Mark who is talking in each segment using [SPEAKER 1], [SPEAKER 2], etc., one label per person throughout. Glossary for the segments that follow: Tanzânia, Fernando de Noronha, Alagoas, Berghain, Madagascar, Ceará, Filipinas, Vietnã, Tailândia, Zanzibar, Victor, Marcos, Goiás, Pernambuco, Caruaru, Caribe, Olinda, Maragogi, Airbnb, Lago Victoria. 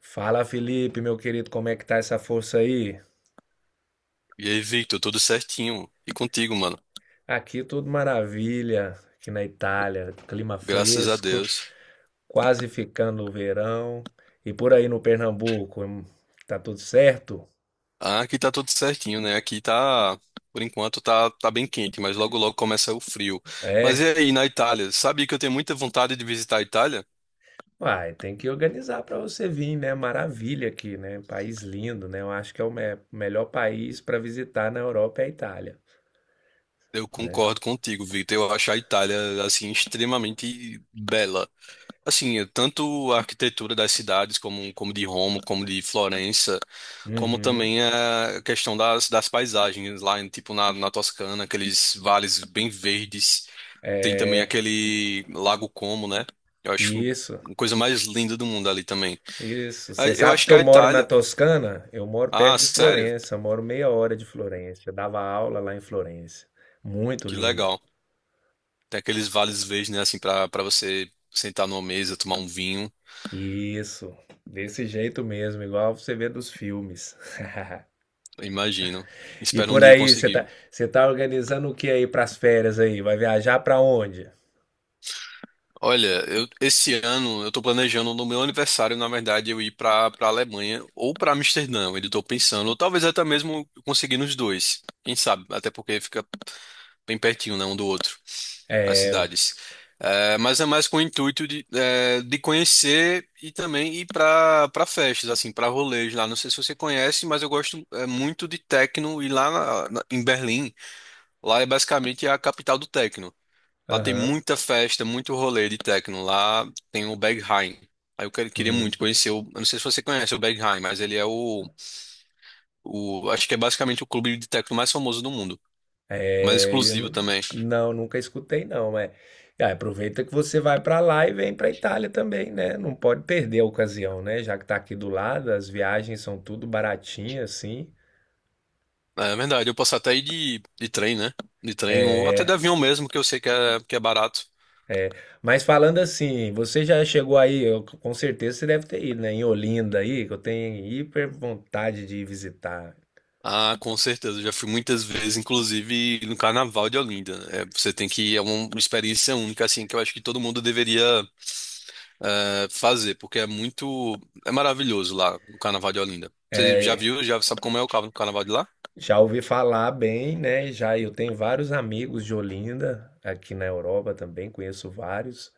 [SPEAKER 1] Fala, Felipe, meu querido, como é que tá essa força aí?
[SPEAKER 2] E aí, Victor, tudo certinho? E contigo, mano?
[SPEAKER 1] Aqui tudo maravilha, aqui na Itália, clima
[SPEAKER 2] Graças a
[SPEAKER 1] fresco,
[SPEAKER 2] Deus.
[SPEAKER 1] quase ficando o verão. E por aí no Pernambuco, tá tudo certo?
[SPEAKER 2] Ah, aqui tá tudo certinho, né? Aqui tá, por enquanto, tá bem quente, mas logo logo começa o frio. Mas e
[SPEAKER 1] É.
[SPEAKER 2] aí, na Itália? Sabe que eu tenho muita vontade de visitar a Itália?
[SPEAKER 1] Uai, tem que organizar para você vir, né? Maravilha aqui, né? País lindo, né? Eu acho que é o melhor país para visitar na Europa é a Itália,
[SPEAKER 2] Eu
[SPEAKER 1] né?
[SPEAKER 2] concordo contigo, Victor. Eu acho a Itália, assim, extremamente bela. Assim, tanto a arquitetura das cidades, como de Roma, como de Florença, como
[SPEAKER 1] Uhum.
[SPEAKER 2] também a questão das paisagens lá, tipo na Toscana, aqueles vales bem verdes. Tem também
[SPEAKER 1] É,
[SPEAKER 2] aquele Lago Como, né? Eu acho
[SPEAKER 1] isso.
[SPEAKER 2] uma coisa mais linda do mundo ali também.
[SPEAKER 1] Isso,
[SPEAKER 2] Ah,
[SPEAKER 1] você
[SPEAKER 2] eu
[SPEAKER 1] sabe
[SPEAKER 2] acho
[SPEAKER 1] que
[SPEAKER 2] que
[SPEAKER 1] eu
[SPEAKER 2] a
[SPEAKER 1] moro na
[SPEAKER 2] Itália.
[SPEAKER 1] Toscana? Eu moro perto
[SPEAKER 2] Ah,
[SPEAKER 1] de
[SPEAKER 2] sério?
[SPEAKER 1] Florença, moro meia hora de Florença. Eu dava aula lá em Florença. Muito
[SPEAKER 2] Que
[SPEAKER 1] linda.
[SPEAKER 2] legal. Tem aqueles vales verdes, né? Assim, pra você sentar numa mesa, tomar um vinho.
[SPEAKER 1] Isso, desse jeito mesmo, igual você vê dos filmes.
[SPEAKER 2] Eu imagino.
[SPEAKER 1] E
[SPEAKER 2] Espero um
[SPEAKER 1] por
[SPEAKER 2] dia
[SPEAKER 1] aí, você tá,
[SPEAKER 2] conseguir.
[SPEAKER 1] você tá organizando o que aí pras férias aí? Vai viajar pra onde?
[SPEAKER 2] Olha, eu, esse ano eu tô planejando no meu aniversário, na verdade, eu ir pra Alemanha ou pra Amsterdã. Eu ainda tô pensando, ou talvez até mesmo eu conseguir nos dois. Quem sabe? Até porque fica bem pertinho, né, um do outro, as cidades. É, mas é mais com o intuito de, é, de conhecer e também ir para festas, assim, para rolês lá. Não sei se você conhece, mas eu gosto é, muito de techno e em Berlim, lá é basicamente a capital do techno. Lá tem
[SPEAKER 1] Aham.
[SPEAKER 2] muita festa, muito rolê de techno. Lá tem o Berghain. Queria
[SPEAKER 1] Hum.
[SPEAKER 2] muito conhecer o. Eu não sei se você conhece o Berghain, mas ele é o. Acho que é basicamente o clube de techno mais famoso do mundo. Mais
[SPEAKER 1] Eu
[SPEAKER 2] exclusivo também.
[SPEAKER 1] não, nunca escutei não, é. Ah, aproveita que você vai para lá e vem para Itália também, né? Não pode perder a ocasião, né? Já que tá aqui do lado, as viagens são tudo baratinhas assim.
[SPEAKER 2] É verdade, eu posso até ir de trem, né? De trem, ou até de avião mesmo, que eu sei que é barato.
[SPEAKER 1] Mas falando assim, você já chegou aí, com certeza você deve ter ido, né? Em Olinda aí, que eu tenho hiper vontade de ir visitar.
[SPEAKER 2] Ah, com certeza, eu já fui muitas vezes, inclusive no Carnaval de Olinda, né? É, você tem que, é uma experiência única, assim, que eu acho que todo mundo deveria fazer, porque é muito, é maravilhoso lá, o Carnaval de Olinda. Você já viu, já sabe como é o Carnaval de lá?
[SPEAKER 1] Já ouvi falar bem, né? Já eu tenho vários amigos de Olinda aqui na Europa também, conheço vários.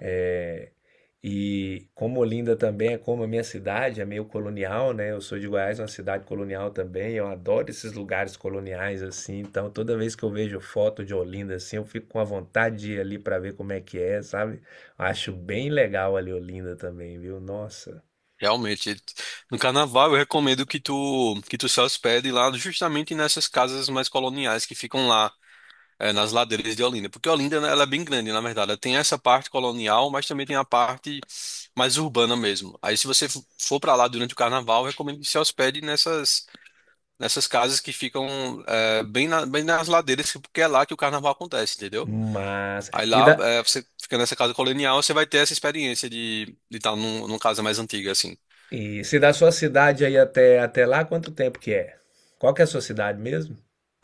[SPEAKER 1] É, e como Olinda também é como a minha cidade, é meio colonial, né? Eu sou de Goiás, uma cidade colonial também. Eu adoro esses lugares coloniais assim. Então, toda vez que eu vejo foto de Olinda assim, eu fico com a vontade de ir ali para ver como é que é, sabe? Acho bem legal ali Olinda também, viu? Nossa,
[SPEAKER 2] Realmente, no carnaval eu recomendo que tu se hospede lá justamente nessas casas mais coloniais que ficam lá nas ladeiras de Olinda, porque Olinda, né, ela é bem grande, na verdade, ela tem essa parte colonial, mas também tem a parte mais urbana mesmo. Aí se você for para lá durante o carnaval, eu recomendo que se hospede nessas casas que ficam bem bem nas ladeiras, porque é lá que o carnaval acontece, entendeu?
[SPEAKER 1] massa.
[SPEAKER 2] Aí
[SPEAKER 1] E
[SPEAKER 2] lá,
[SPEAKER 1] da
[SPEAKER 2] você fica nessa casa colonial, você vai ter essa experiência de tá num, numa casa mais antiga, assim.
[SPEAKER 1] e se da sua cidade aí até lá, quanto tempo que é? Qual que é a sua cidade mesmo?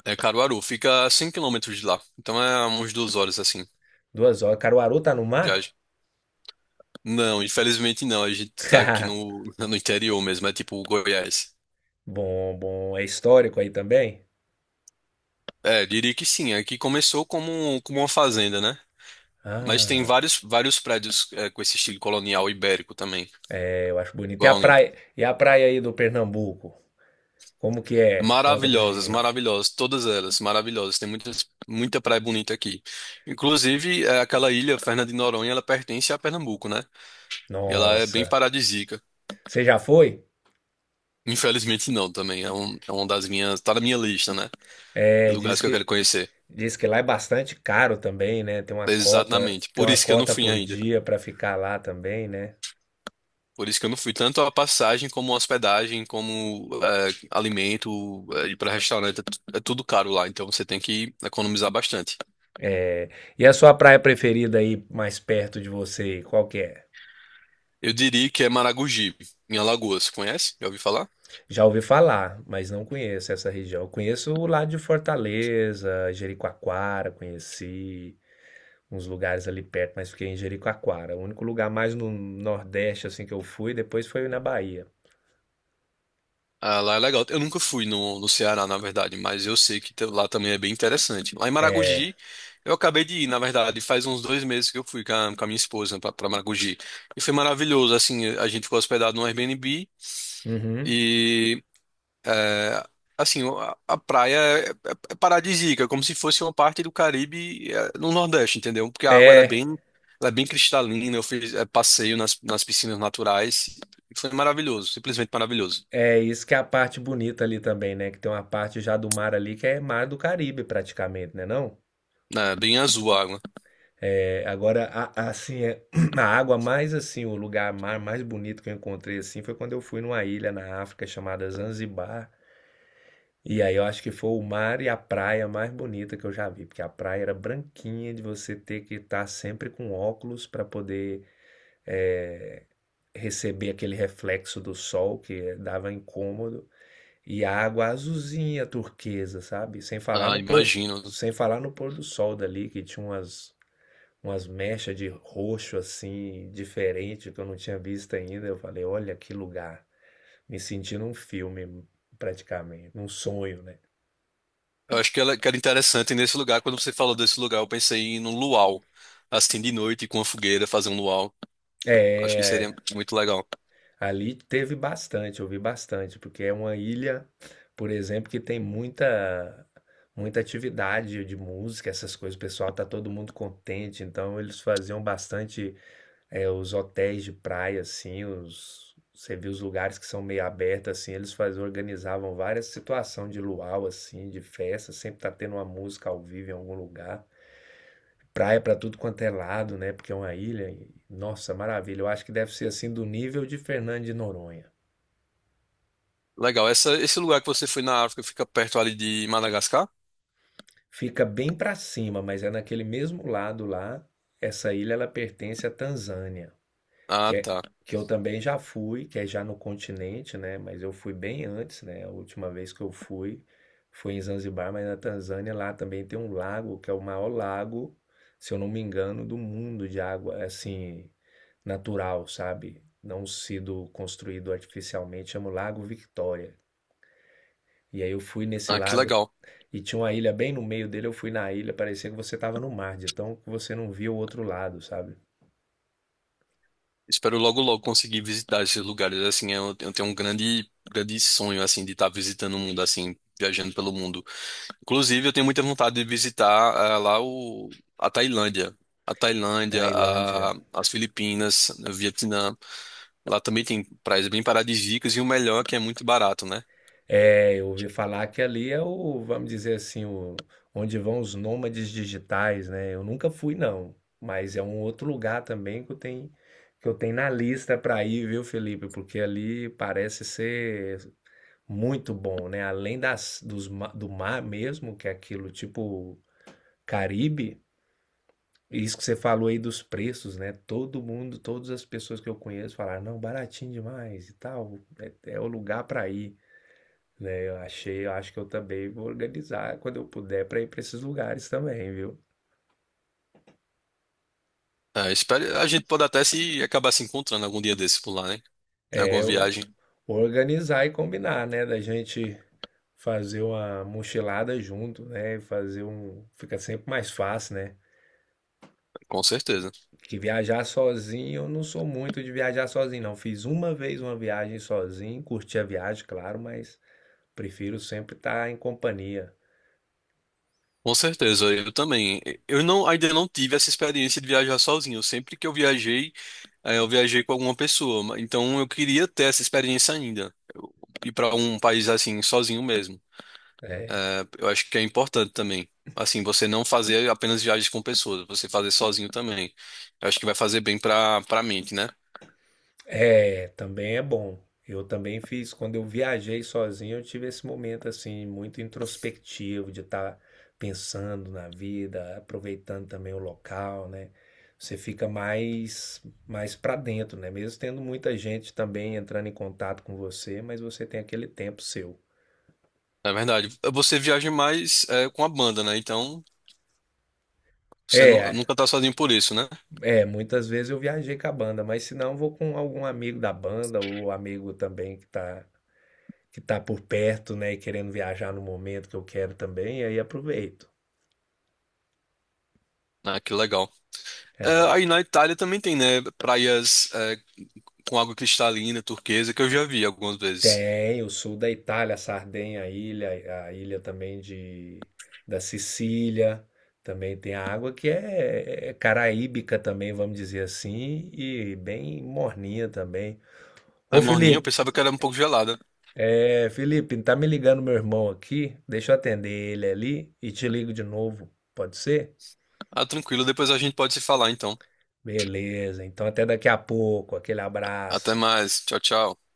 [SPEAKER 2] É Caruaru, fica a 100 km de lá. Então é umas 2 horas assim,
[SPEAKER 1] 2 horas. Caruaru tá no mar?
[SPEAKER 2] viagem. Não, infelizmente não. A gente tá aqui no, no interior mesmo, é tipo Goiás.
[SPEAKER 1] Bom, bom. É histórico aí também?
[SPEAKER 2] É, diria que sim. Aqui começou como uma fazenda, né? Mas tem
[SPEAKER 1] Ah.
[SPEAKER 2] vários prédios é, com esse estilo colonial ibérico também.
[SPEAKER 1] Eu acho bonito.
[SPEAKER 2] Igual a Olinda.
[SPEAKER 1] E a praia aí do Pernambuco? Como que é? Conta pra
[SPEAKER 2] Maravilhosas,
[SPEAKER 1] gente.
[SPEAKER 2] maravilhosas, todas elas maravilhosas. Tem muitas, muita praia bonita aqui. Inclusive, é, aquela ilha, Fernando de Noronha, ela pertence a Pernambuco, né? E ela é bem
[SPEAKER 1] Nossa.
[SPEAKER 2] paradisíaca.
[SPEAKER 1] Você já foi?
[SPEAKER 2] Infelizmente não, também. É, um, é uma das minhas. Tá na minha lista, né? De
[SPEAKER 1] É,
[SPEAKER 2] lugares
[SPEAKER 1] diz
[SPEAKER 2] que eu quero
[SPEAKER 1] que
[SPEAKER 2] conhecer.
[SPEAKER 1] diz que lá é bastante caro também, né?
[SPEAKER 2] Exatamente.
[SPEAKER 1] Tem
[SPEAKER 2] Por
[SPEAKER 1] uma
[SPEAKER 2] isso que eu não
[SPEAKER 1] cota
[SPEAKER 2] fui
[SPEAKER 1] por
[SPEAKER 2] ainda.
[SPEAKER 1] dia pra ficar lá também, né?
[SPEAKER 2] Por isso que eu não fui. Tanto a passagem, como a hospedagem, como é, alimento, é, ir pra restaurante. É, é tudo caro lá. Então você tem que economizar bastante.
[SPEAKER 1] É, e a sua praia preferida aí mais perto de você, qual que é?
[SPEAKER 2] Eu diria que é Maragogi, em Alagoas. Conhece? Já ouviu falar?
[SPEAKER 1] Já ouvi falar, mas não conheço essa região. Eu conheço o lado de Fortaleza, Jericoacoara, conheci. Uns lugares ali perto, mas fiquei em Jericoacoara. O único lugar mais no Nordeste assim que eu fui, depois foi na Bahia.
[SPEAKER 2] Ah, lá é legal. Eu nunca fui no Ceará, na verdade, mas eu sei lá também é bem interessante. Lá em Maragogi, eu acabei de ir, na verdade, faz uns 2 meses que eu fui com a minha esposa para Maragogi. E foi maravilhoso, assim, a gente ficou hospedado no Airbnb
[SPEAKER 1] Uhum.
[SPEAKER 2] e, é, assim, a praia é paradisíaca, como se fosse uma parte do Caribe, é, no Nordeste, entendeu? Porque a água,
[SPEAKER 1] É,
[SPEAKER 2] ela é bem cristalina, eu fiz, é, passeio nas piscinas naturais, e foi maravilhoso, simplesmente maravilhoso.
[SPEAKER 1] é isso que é a parte bonita ali também, né? Que tem uma parte já do mar ali que é mar do Caribe praticamente, né não?
[SPEAKER 2] É, bem azul a água.
[SPEAKER 1] É, agora assim é, a água mais assim, o lugar mar mais bonito que eu encontrei assim foi quando eu fui numa ilha na África chamada Zanzibar. E aí eu acho que foi o mar e a praia mais bonita que eu já vi, porque a praia era branquinha de você ter que estar sempre com óculos para poder eh, receber aquele reflexo do sol que dava incômodo, e a água azulzinha, turquesa, sabe? Sem falar
[SPEAKER 2] Ah,
[SPEAKER 1] no pôr,
[SPEAKER 2] imagino.
[SPEAKER 1] sem falar no pôr do sol dali, que tinha umas, umas mechas de roxo assim, diferente, que eu não tinha visto ainda. Eu falei, olha que lugar, me senti num filme praticamente, num sonho, né?
[SPEAKER 2] Eu acho que ela, que era interessante nesse lugar. Quando você falou desse lugar, eu pensei em um luau. Assim, de noite, com a fogueira, fazer um luau. Acho que seria
[SPEAKER 1] É,
[SPEAKER 2] muito legal.
[SPEAKER 1] ali teve bastante, eu vi bastante, porque é uma ilha, por exemplo, que tem muita muita atividade de música, essas coisas. O pessoal tá todo mundo contente, então eles faziam bastante os hotéis de praia, assim, os você viu os lugares que são meio abertos, assim, eles faziam, organizavam várias situações de luau, assim, de festa, sempre tá tendo uma música ao vivo em algum lugar. Praia pra tudo quanto é lado, né? Porque é uma ilha. Nossa, maravilha. Eu acho que deve ser assim do nível de Fernando de Noronha.
[SPEAKER 2] Legal. Essa, esse lugar que você foi na África fica perto ali de Madagascar?
[SPEAKER 1] Fica bem para cima, mas é naquele mesmo lado lá. Essa ilha ela pertence à Tanzânia,
[SPEAKER 2] Ah,
[SPEAKER 1] que é
[SPEAKER 2] tá.
[SPEAKER 1] que eu também já fui, que é já no continente, né? Mas eu fui bem antes, né? A última vez que eu fui foi em Zanzibar, mas na Tanzânia lá também tem um lago que é o maior lago, se eu não me engano, do mundo de água assim natural, sabe? Não sido construído artificialmente, chama o Lago Victoria. E aí eu fui nesse
[SPEAKER 2] Ah, que
[SPEAKER 1] lago
[SPEAKER 2] legal.
[SPEAKER 1] e tinha uma ilha bem no meio dele, eu fui na ilha, parecia que você tava no mar, de tão que você não via o outro lado, sabe?
[SPEAKER 2] Espero logo, logo conseguir visitar esses lugares. Assim, eu tenho um grande, grande sonho, assim, de estar visitando o mundo, assim, viajando pelo mundo. Inclusive, eu tenho muita vontade de visitar a Tailândia. A Tailândia,
[SPEAKER 1] Tailândia.
[SPEAKER 2] as Filipinas, né, o Vietnã. Lá também tem praias bem paradisíacas e o melhor é que é muito barato, né?
[SPEAKER 1] É, eu ouvi falar que ali é o, vamos dizer assim, o, onde vão os nômades digitais, né? Eu nunca fui, não, mas é um outro lugar também que eu tenho na lista para ir, viu, Felipe? Porque ali parece ser muito bom, né? Além das, dos, do mar mesmo, que é aquilo tipo Caribe, e isso que você falou aí dos preços, né? Todo mundo, todas as pessoas que eu conheço falaram, não, baratinho demais e tal, é, é o lugar para ir, né? Eu achei, eu acho que eu também vou organizar quando eu puder para ir para esses lugares também, viu?
[SPEAKER 2] Espero, a gente pode até se acabar se encontrando algum dia desse por lá, né? Em alguma
[SPEAKER 1] É,
[SPEAKER 2] viagem,
[SPEAKER 1] organizar e combinar, né? Da gente fazer uma mochilada junto, né? Fazer um, fica sempre mais fácil, né?
[SPEAKER 2] com certeza.
[SPEAKER 1] Que viajar sozinho, eu não sou muito de viajar sozinho, não. Fiz uma vez uma viagem sozinho, curti a viagem, claro, mas prefiro sempre estar em companhia.
[SPEAKER 2] Com certeza, eu também. Eu não, Ainda não tive essa experiência de viajar sozinho. Sempre que eu viajei, eu viajei com alguma pessoa. Então eu queria ter essa experiência ainda. Ir para um país assim, sozinho mesmo.
[SPEAKER 1] Né?
[SPEAKER 2] É, eu acho que é importante também. Assim, você não fazer apenas viagens com pessoas, você fazer sozinho também. Eu acho que vai fazer bem pra mente, né?
[SPEAKER 1] É, também é bom. Eu também fiz, quando eu viajei sozinho, eu tive esse momento assim, muito introspectivo, de estar pensando na vida, aproveitando também o local, né? Você fica mais, mais para dentro, né? Mesmo tendo muita gente também entrando em contato com você, mas você tem aquele tempo seu.
[SPEAKER 2] Na verdade, você viaja mais é, com a banda, né? Então, você
[SPEAKER 1] É,
[SPEAKER 2] nunca tá sozinho por isso, né?
[SPEAKER 1] é, muitas vezes eu viajei com a banda, mas se não, eu vou com algum amigo da banda ou amigo também que tá por perto, né, e querendo viajar no momento que eu quero também, e aí aproveito.
[SPEAKER 2] Ah, que legal. É, aí na Itália também tem, né? Praias é, com água cristalina, turquesa, que eu já vi algumas vezes.
[SPEAKER 1] Tem o sul da Itália, Sardenha, a ilha também de da Sicília, também tem a água que é, é caraíbica também, vamos dizer assim, e bem morninha também. Ô
[SPEAKER 2] A morninha eu
[SPEAKER 1] Felipe,
[SPEAKER 2] pensava que era um pouco gelada.
[SPEAKER 1] Felipe, tá me ligando meu irmão aqui, deixa eu atender ele ali e te ligo de novo, pode ser?
[SPEAKER 2] Ah, tranquilo, depois a gente pode se falar, então.
[SPEAKER 1] Beleza, então até daqui a pouco, aquele
[SPEAKER 2] Até
[SPEAKER 1] abraço.
[SPEAKER 2] mais. Tchau, tchau.